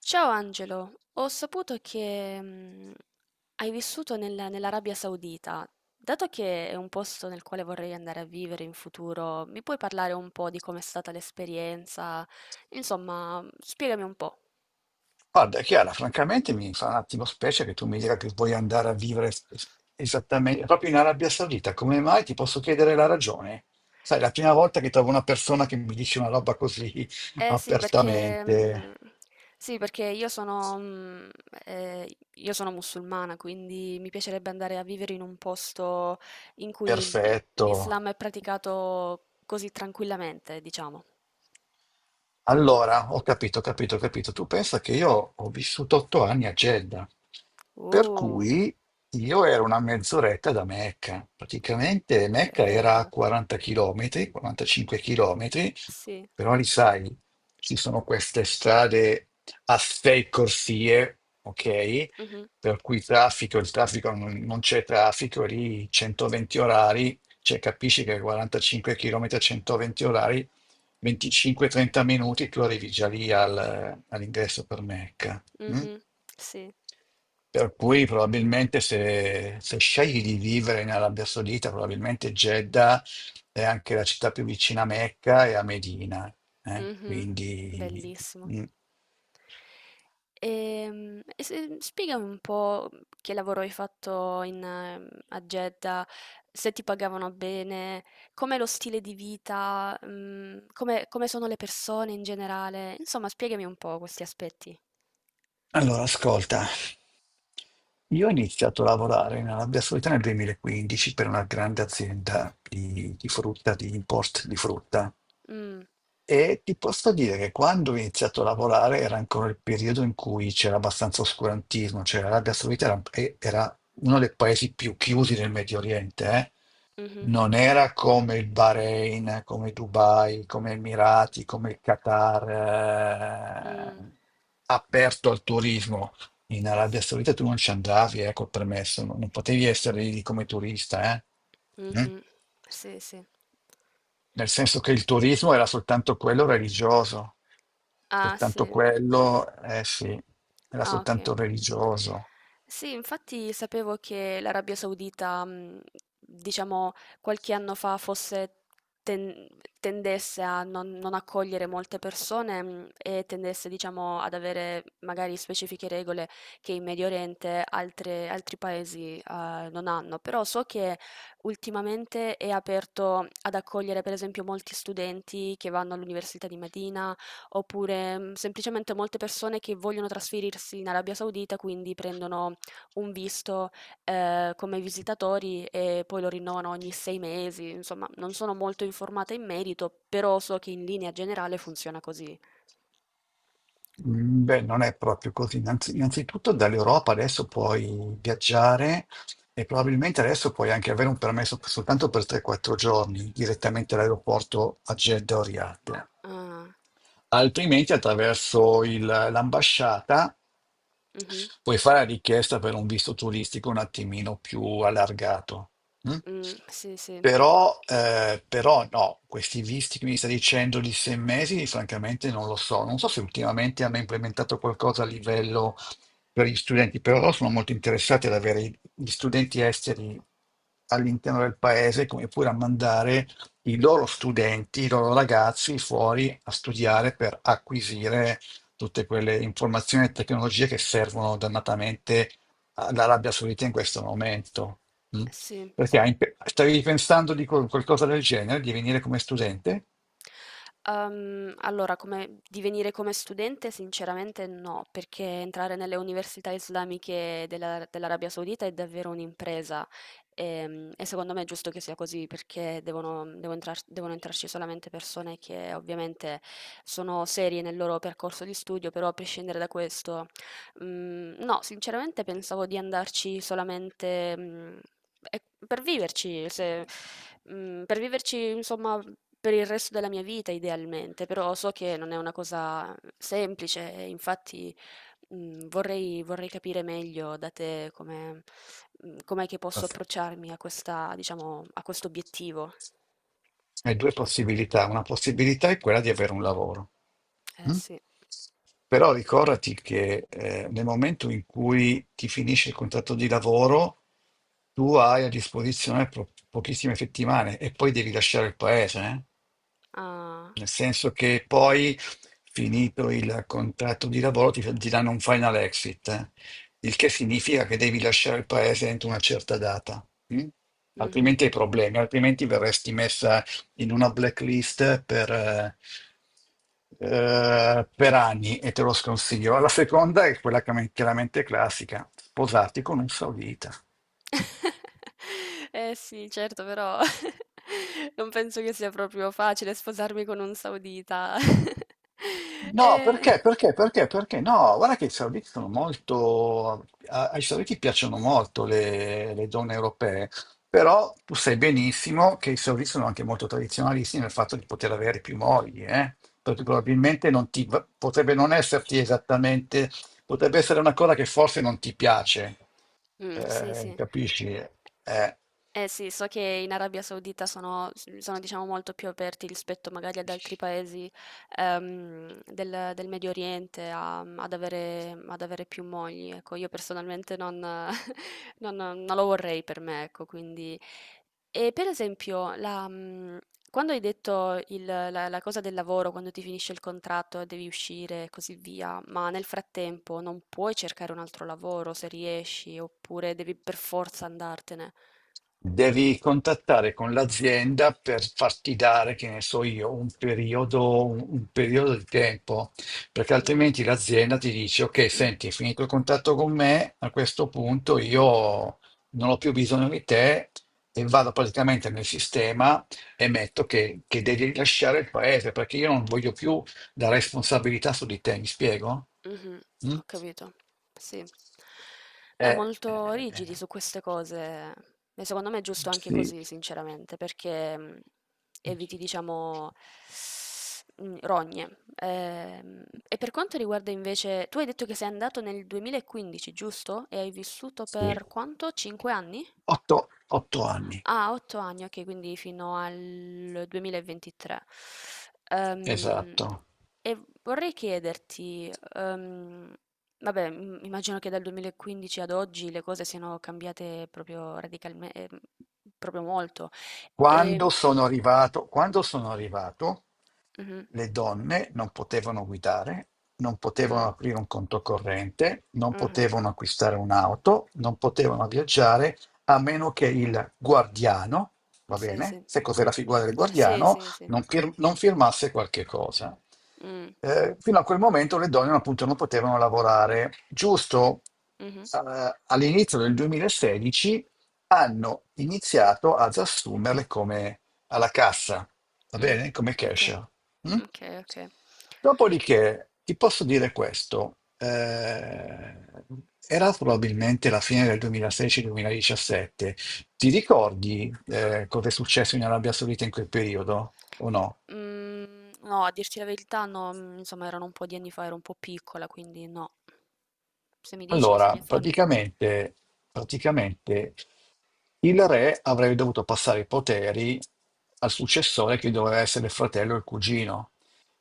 Ciao Angelo, ho saputo che hai vissuto nell'Arabia Saudita. Dato che è un posto nel quale vorrei andare a vivere in futuro, mi puoi parlare un po' di com'è stata l'esperienza? Insomma, spiegami un po'. Guarda, Chiara, francamente mi fa un attimo specie che tu mi dica che vuoi andare a vivere esattamente proprio in Arabia Saudita. Come mai? Ti posso chiedere la ragione? Sai, è la prima volta che trovo una persona che mi dice una roba così Eh sì, perché, apertamente. sì, perché io sono musulmana, quindi mi piacerebbe andare a vivere in un posto in cui Perfetto. l'Islam è praticato così tranquillamente, diciamo. Allora, ho capito, ho capito, ho capito. Tu pensa che io ho vissuto 8 anni a Jeddah, per Uh. cui io ero una mezz'oretta da Mecca. Praticamente Mecca era a Bella. 40 km, 45 km, Sì. però li sai, ci sono queste strade a sei corsie, ok? Mh-mh, Per cui il traffico non c'è traffico, lì 120 orari, cioè capisci che 45 km a 120 orari, 25-30 minuti tu arrivi già lì all'ingresso per Mecca. Mm? mh-mh. Sì. Per cui probabilmente se scegli di vivere in Arabia Saudita, probabilmente Jeddah è anche la città più vicina a Mecca e a Medina, eh? Mh-mh. Quindi, Bellissimo. mm. E se spiegami un po' che lavoro hai fatto in a Jeddah, se ti pagavano bene, com'è lo stile di vita, come sono le persone in generale. Insomma, spiegami un po' questi aspetti. Allora ascolta, io ho iniziato a lavorare in Arabia Saudita nel 2015 per una grande azienda di frutta, di import di frutta. Mh, E ti posso dire che quando ho iniziato a lavorare era ancora il periodo in cui c'era abbastanza oscurantismo, cioè l'Arabia Saudita era uno dei paesi più chiusi del Medio Oriente, eh. mh-mh, Non era come il Bahrain, come Dubai, come Emirati, come il Qatar, mh. Aperto al turismo. In Arabia S Saudita tu non ci andavi, col permesso, non potevi essere lì come turista, eh. Mm? Mh-mh. Sì, sì. Nel senso che il turismo era soltanto quello religioso, Ah, soltanto sì. quello, eh sì, era Ah, ok. soltanto religioso. Sì, infatti sapevo che l'Arabia Saudita, diciamo, qualche anno fa fosse ten- tendesse a non accogliere molte persone, e tendesse, diciamo, ad avere magari specifiche regole che in Medio Oriente altri paesi, non hanno. Però so che ultimamente è aperto ad accogliere, per esempio, molti studenti che vanno all'Università di Medina. Oppure, semplicemente molte persone che vogliono trasferirsi in Arabia Saudita, quindi prendono un visto, come visitatori e poi lo rinnovano ogni 6 mesi. Insomma, non sono molto informata in merito, però so che in linea generale funziona così. Beh, non è proprio così. Innanzitutto dall'Europa adesso puoi viaggiare e probabilmente adesso puoi anche avere un permesso soltanto per 3-4 giorni direttamente all'aeroporto a Jeddah o Riyadh. Ah, Altrimenti attraverso l'ambasciata mh-mh, puoi fare la richiesta per un visto turistico un attimino più allargato. Mm? Sì, sì, Però, no, questi visti che mi sta dicendo di 6 mesi, francamente non lo so. Non so se ultimamente hanno implementato qualcosa a livello per gli studenti, però loro sono molto interessati ad avere gli studenti esteri all'interno del paese, come pure a mandare i loro studenti, i loro ragazzi fuori a studiare per acquisire tutte quelle informazioni e tecnologie che servono dannatamente all'Arabia Saudita in questo momento. Mm? sì, Perché sì. Stavi pensando di qualcosa del genere, di venire come studente? Allora, come divenire come studente sinceramente no, perché entrare nelle università islamiche della dell'Arabia Saudita è davvero un'impresa. E secondo me è giusto che sia così perché devono entrarci solamente persone che ovviamente sono serie nel loro percorso di studio, però a prescindere da questo. No, sinceramente pensavo di andarci solamente, e per viverci, se mhmm, per viverci insomma per il resto della mia vita idealmente, però so che non è una cosa semplice e infatti, vorrei capire meglio da te com'è che posso approcciarmi a questa diciamo, a questo obiettivo. Hai due possibilità. Una possibilità è quella di avere un lavoro. Eh Mm? sì, Però ricordati che, nel momento in cui ti finisce il contratto di lavoro, tu hai a disposizione pochissime settimane e poi devi lasciare il paese, eh? ah, Nel senso che poi, finito il contratto di lavoro, ti danno un final exit, il che significa che devi lasciare il paese entro una certa data. Mm? mh-mh. Altrimenti hai problemi, altrimenti verresti messa in una blacklist per anni e te lo sconsiglio. La seconda è quella chiaramente classica, sposarti con un saudita. Eh sì, certo, però non penso che sia proprio facile sposarmi con un saudita. No, perché? Eh, Perché? Perché? Perché? No, guarda che i servizi sono molto. Ai servizi piacciono molto le donne europee, però tu sai benissimo che i servizi sono anche molto tradizionalisti nel fatto di poter avere più mogli, eh? Perché probabilmente non ti, potrebbe non esserti esattamente, potrebbe essere una cosa che forse non ti piace, mm, sì, sì. capisci? Eh. Eh sì, so che in Arabia Saudita sono, diciamo, molto più aperti rispetto magari ad altri paesi del Medio Oriente ad avere più mogli. Ecco, io personalmente non, non lo vorrei per me, ecco, quindi. E per esempio, quando hai detto la cosa del lavoro, quando ti finisce il contratto e devi uscire e così via, ma nel frattempo non puoi cercare un altro lavoro se riesci, oppure devi per forza andartene. Devi contattare con l'azienda per farti dare, che ne so io, un periodo, un periodo di tempo, perché Mh, altrimenti l'azienda ti dice, ok, senti, hai finito il contatto con me, a questo punto io non ho più bisogno di te e vado praticamente nel sistema e metto che devi lasciare il paese, perché io non voglio più la responsabilità su di te, mi spiego? mh-mh, Mm? ho capito. Sì. Beh, Eh, molto eh, rigidi eh, su queste cose, e secondo me è giusto anche sì. così sinceramente, perché, eviti, diciamo, mhmm, rogne. E per quanto riguarda invece, tu hai detto che sei andato nel 2015, giusto? E hai vissuto Sì, per quanto? 5 anni? otto anni, Ah, 8 anni, okay, quindi fino al 2023. Ehm, esatto. e vorrei chiederti, vabbè, im immagino che dal 2015 ad oggi le cose siano cambiate proprio molto. Ehm Quando sono arrivato, Mh-mh, le donne non potevano guidare, non mh, potevano aprire un conto corrente, non mh-mh. potevano acquistare un'auto, non potevano viaggiare a meno che il guardiano, va Sì, bene, sì. se cos'è la figura del Sì, guardiano, sì, sì. non firmasse qualche cosa. Mh, Fino a quel momento le donne appunto non potevano lavorare. Giusto. mh-mh, All'inizio del 2016 hanno iniziato ad assumerle come alla cassa, va mh. bene? Come Okay, cashier. Mm? okay, okay. Dopodiché ti posso dire questo, era probabilmente la fine del 2016-2017. Ti ricordi, cosa è successo in Arabia Saudita in quel periodo o no? Mhmm, no, a dirti la verità no, insomma erano un po' di anni fa, ero un po' piccola, quindi no. Se mi dici, se mi Allora, informi. praticamente, il re avrebbe dovuto passare i poteri al successore che doveva essere il fratello o il cugino.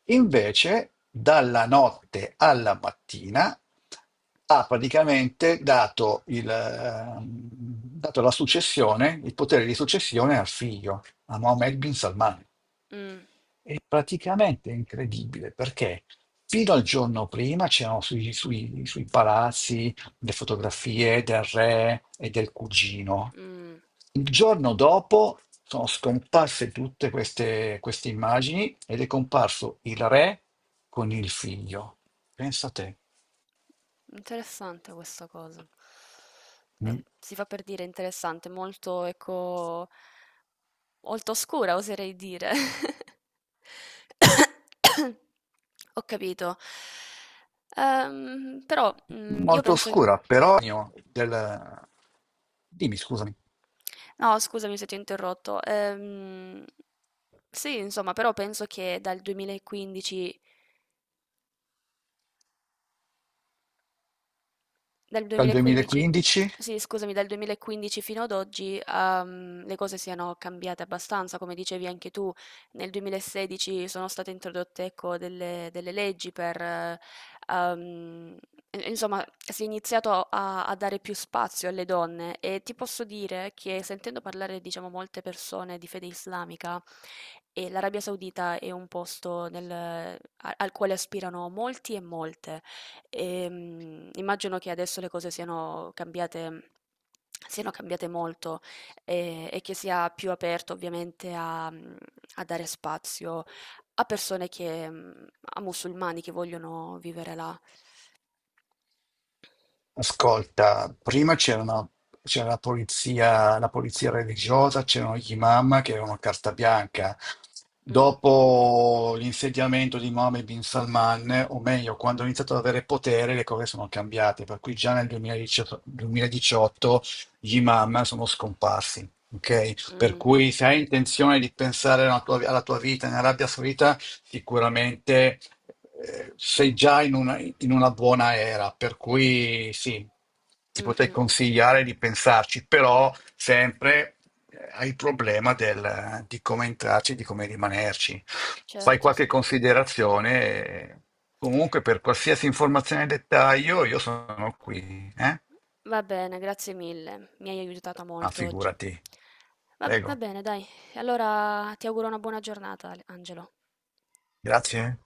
Invece, dalla notte alla mattina ha praticamente dato la successione, il potere di successione al figlio, a Mohammed bin Salman. Mh, Praticamente è incredibile perché fino al giorno prima c'erano sui palazzi le fotografie del re e del cugino. mh, Il giorno dopo sono scomparse tutte queste immagini ed è comparso il re con il figlio. Pensa a te. Interessante questa cosa. Beh, Mm. si fa per dire interessante, molto ecco, molto oscura oserei dire. Ho capito. Però, io Molto penso. oscura, però del... Dimmi, scusami, No, scusami se ti ho interrotto. Sì, insomma, però penso che dal 2015 dal dal 2015, 2015? sì, scusami, dal 2015 fino ad oggi, le cose siano cambiate abbastanza, come dicevi anche tu. Nel 2016 sono state introdotte, ecco, delle leggi per, ehm, insomma, si è iniziato a dare più spazio alle donne, e ti posso dire che, sentendo parlare, diciamo, molte persone di fede islamica, e l'Arabia Saudita è un posto al quale aspirano molti e molte. Immagino che adesso le cose siano cambiate molto, e che sia più aperto ovviamente a dare spazio a persone che mhmm, a musulmani che vogliono vivere là. Ascolta, prima c'era la polizia religiosa, c'erano gli imam che avevano carta bianca. Mh-mh. Dopo l'insediamento di Mohammed bin Salman, o meglio, quando ha iniziato ad avere potere, le cose sono cambiate. Per cui già nel 2018, 2018 gli imam sono scomparsi. Ok? Per Mh. cui se hai intenzione di pensare alla tua vita in Arabia Saudita, sicuramente, sei già in una buona era, per cui sì, ti Mh, potrei mh, mh. consigliare di pensarci, però sempre hai il problema di come entrarci, di come rimanerci. Fai Certo, qualche sì. considerazione, comunque per qualsiasi informazione e dettaglio io sono qui, eh? Va bene, grazie mille. Mi hai aiutata Ah, molto oggi. figurati. Va va Prego, bene dai, allora ti auguro una buona giornata, Ale Angelo. grazie.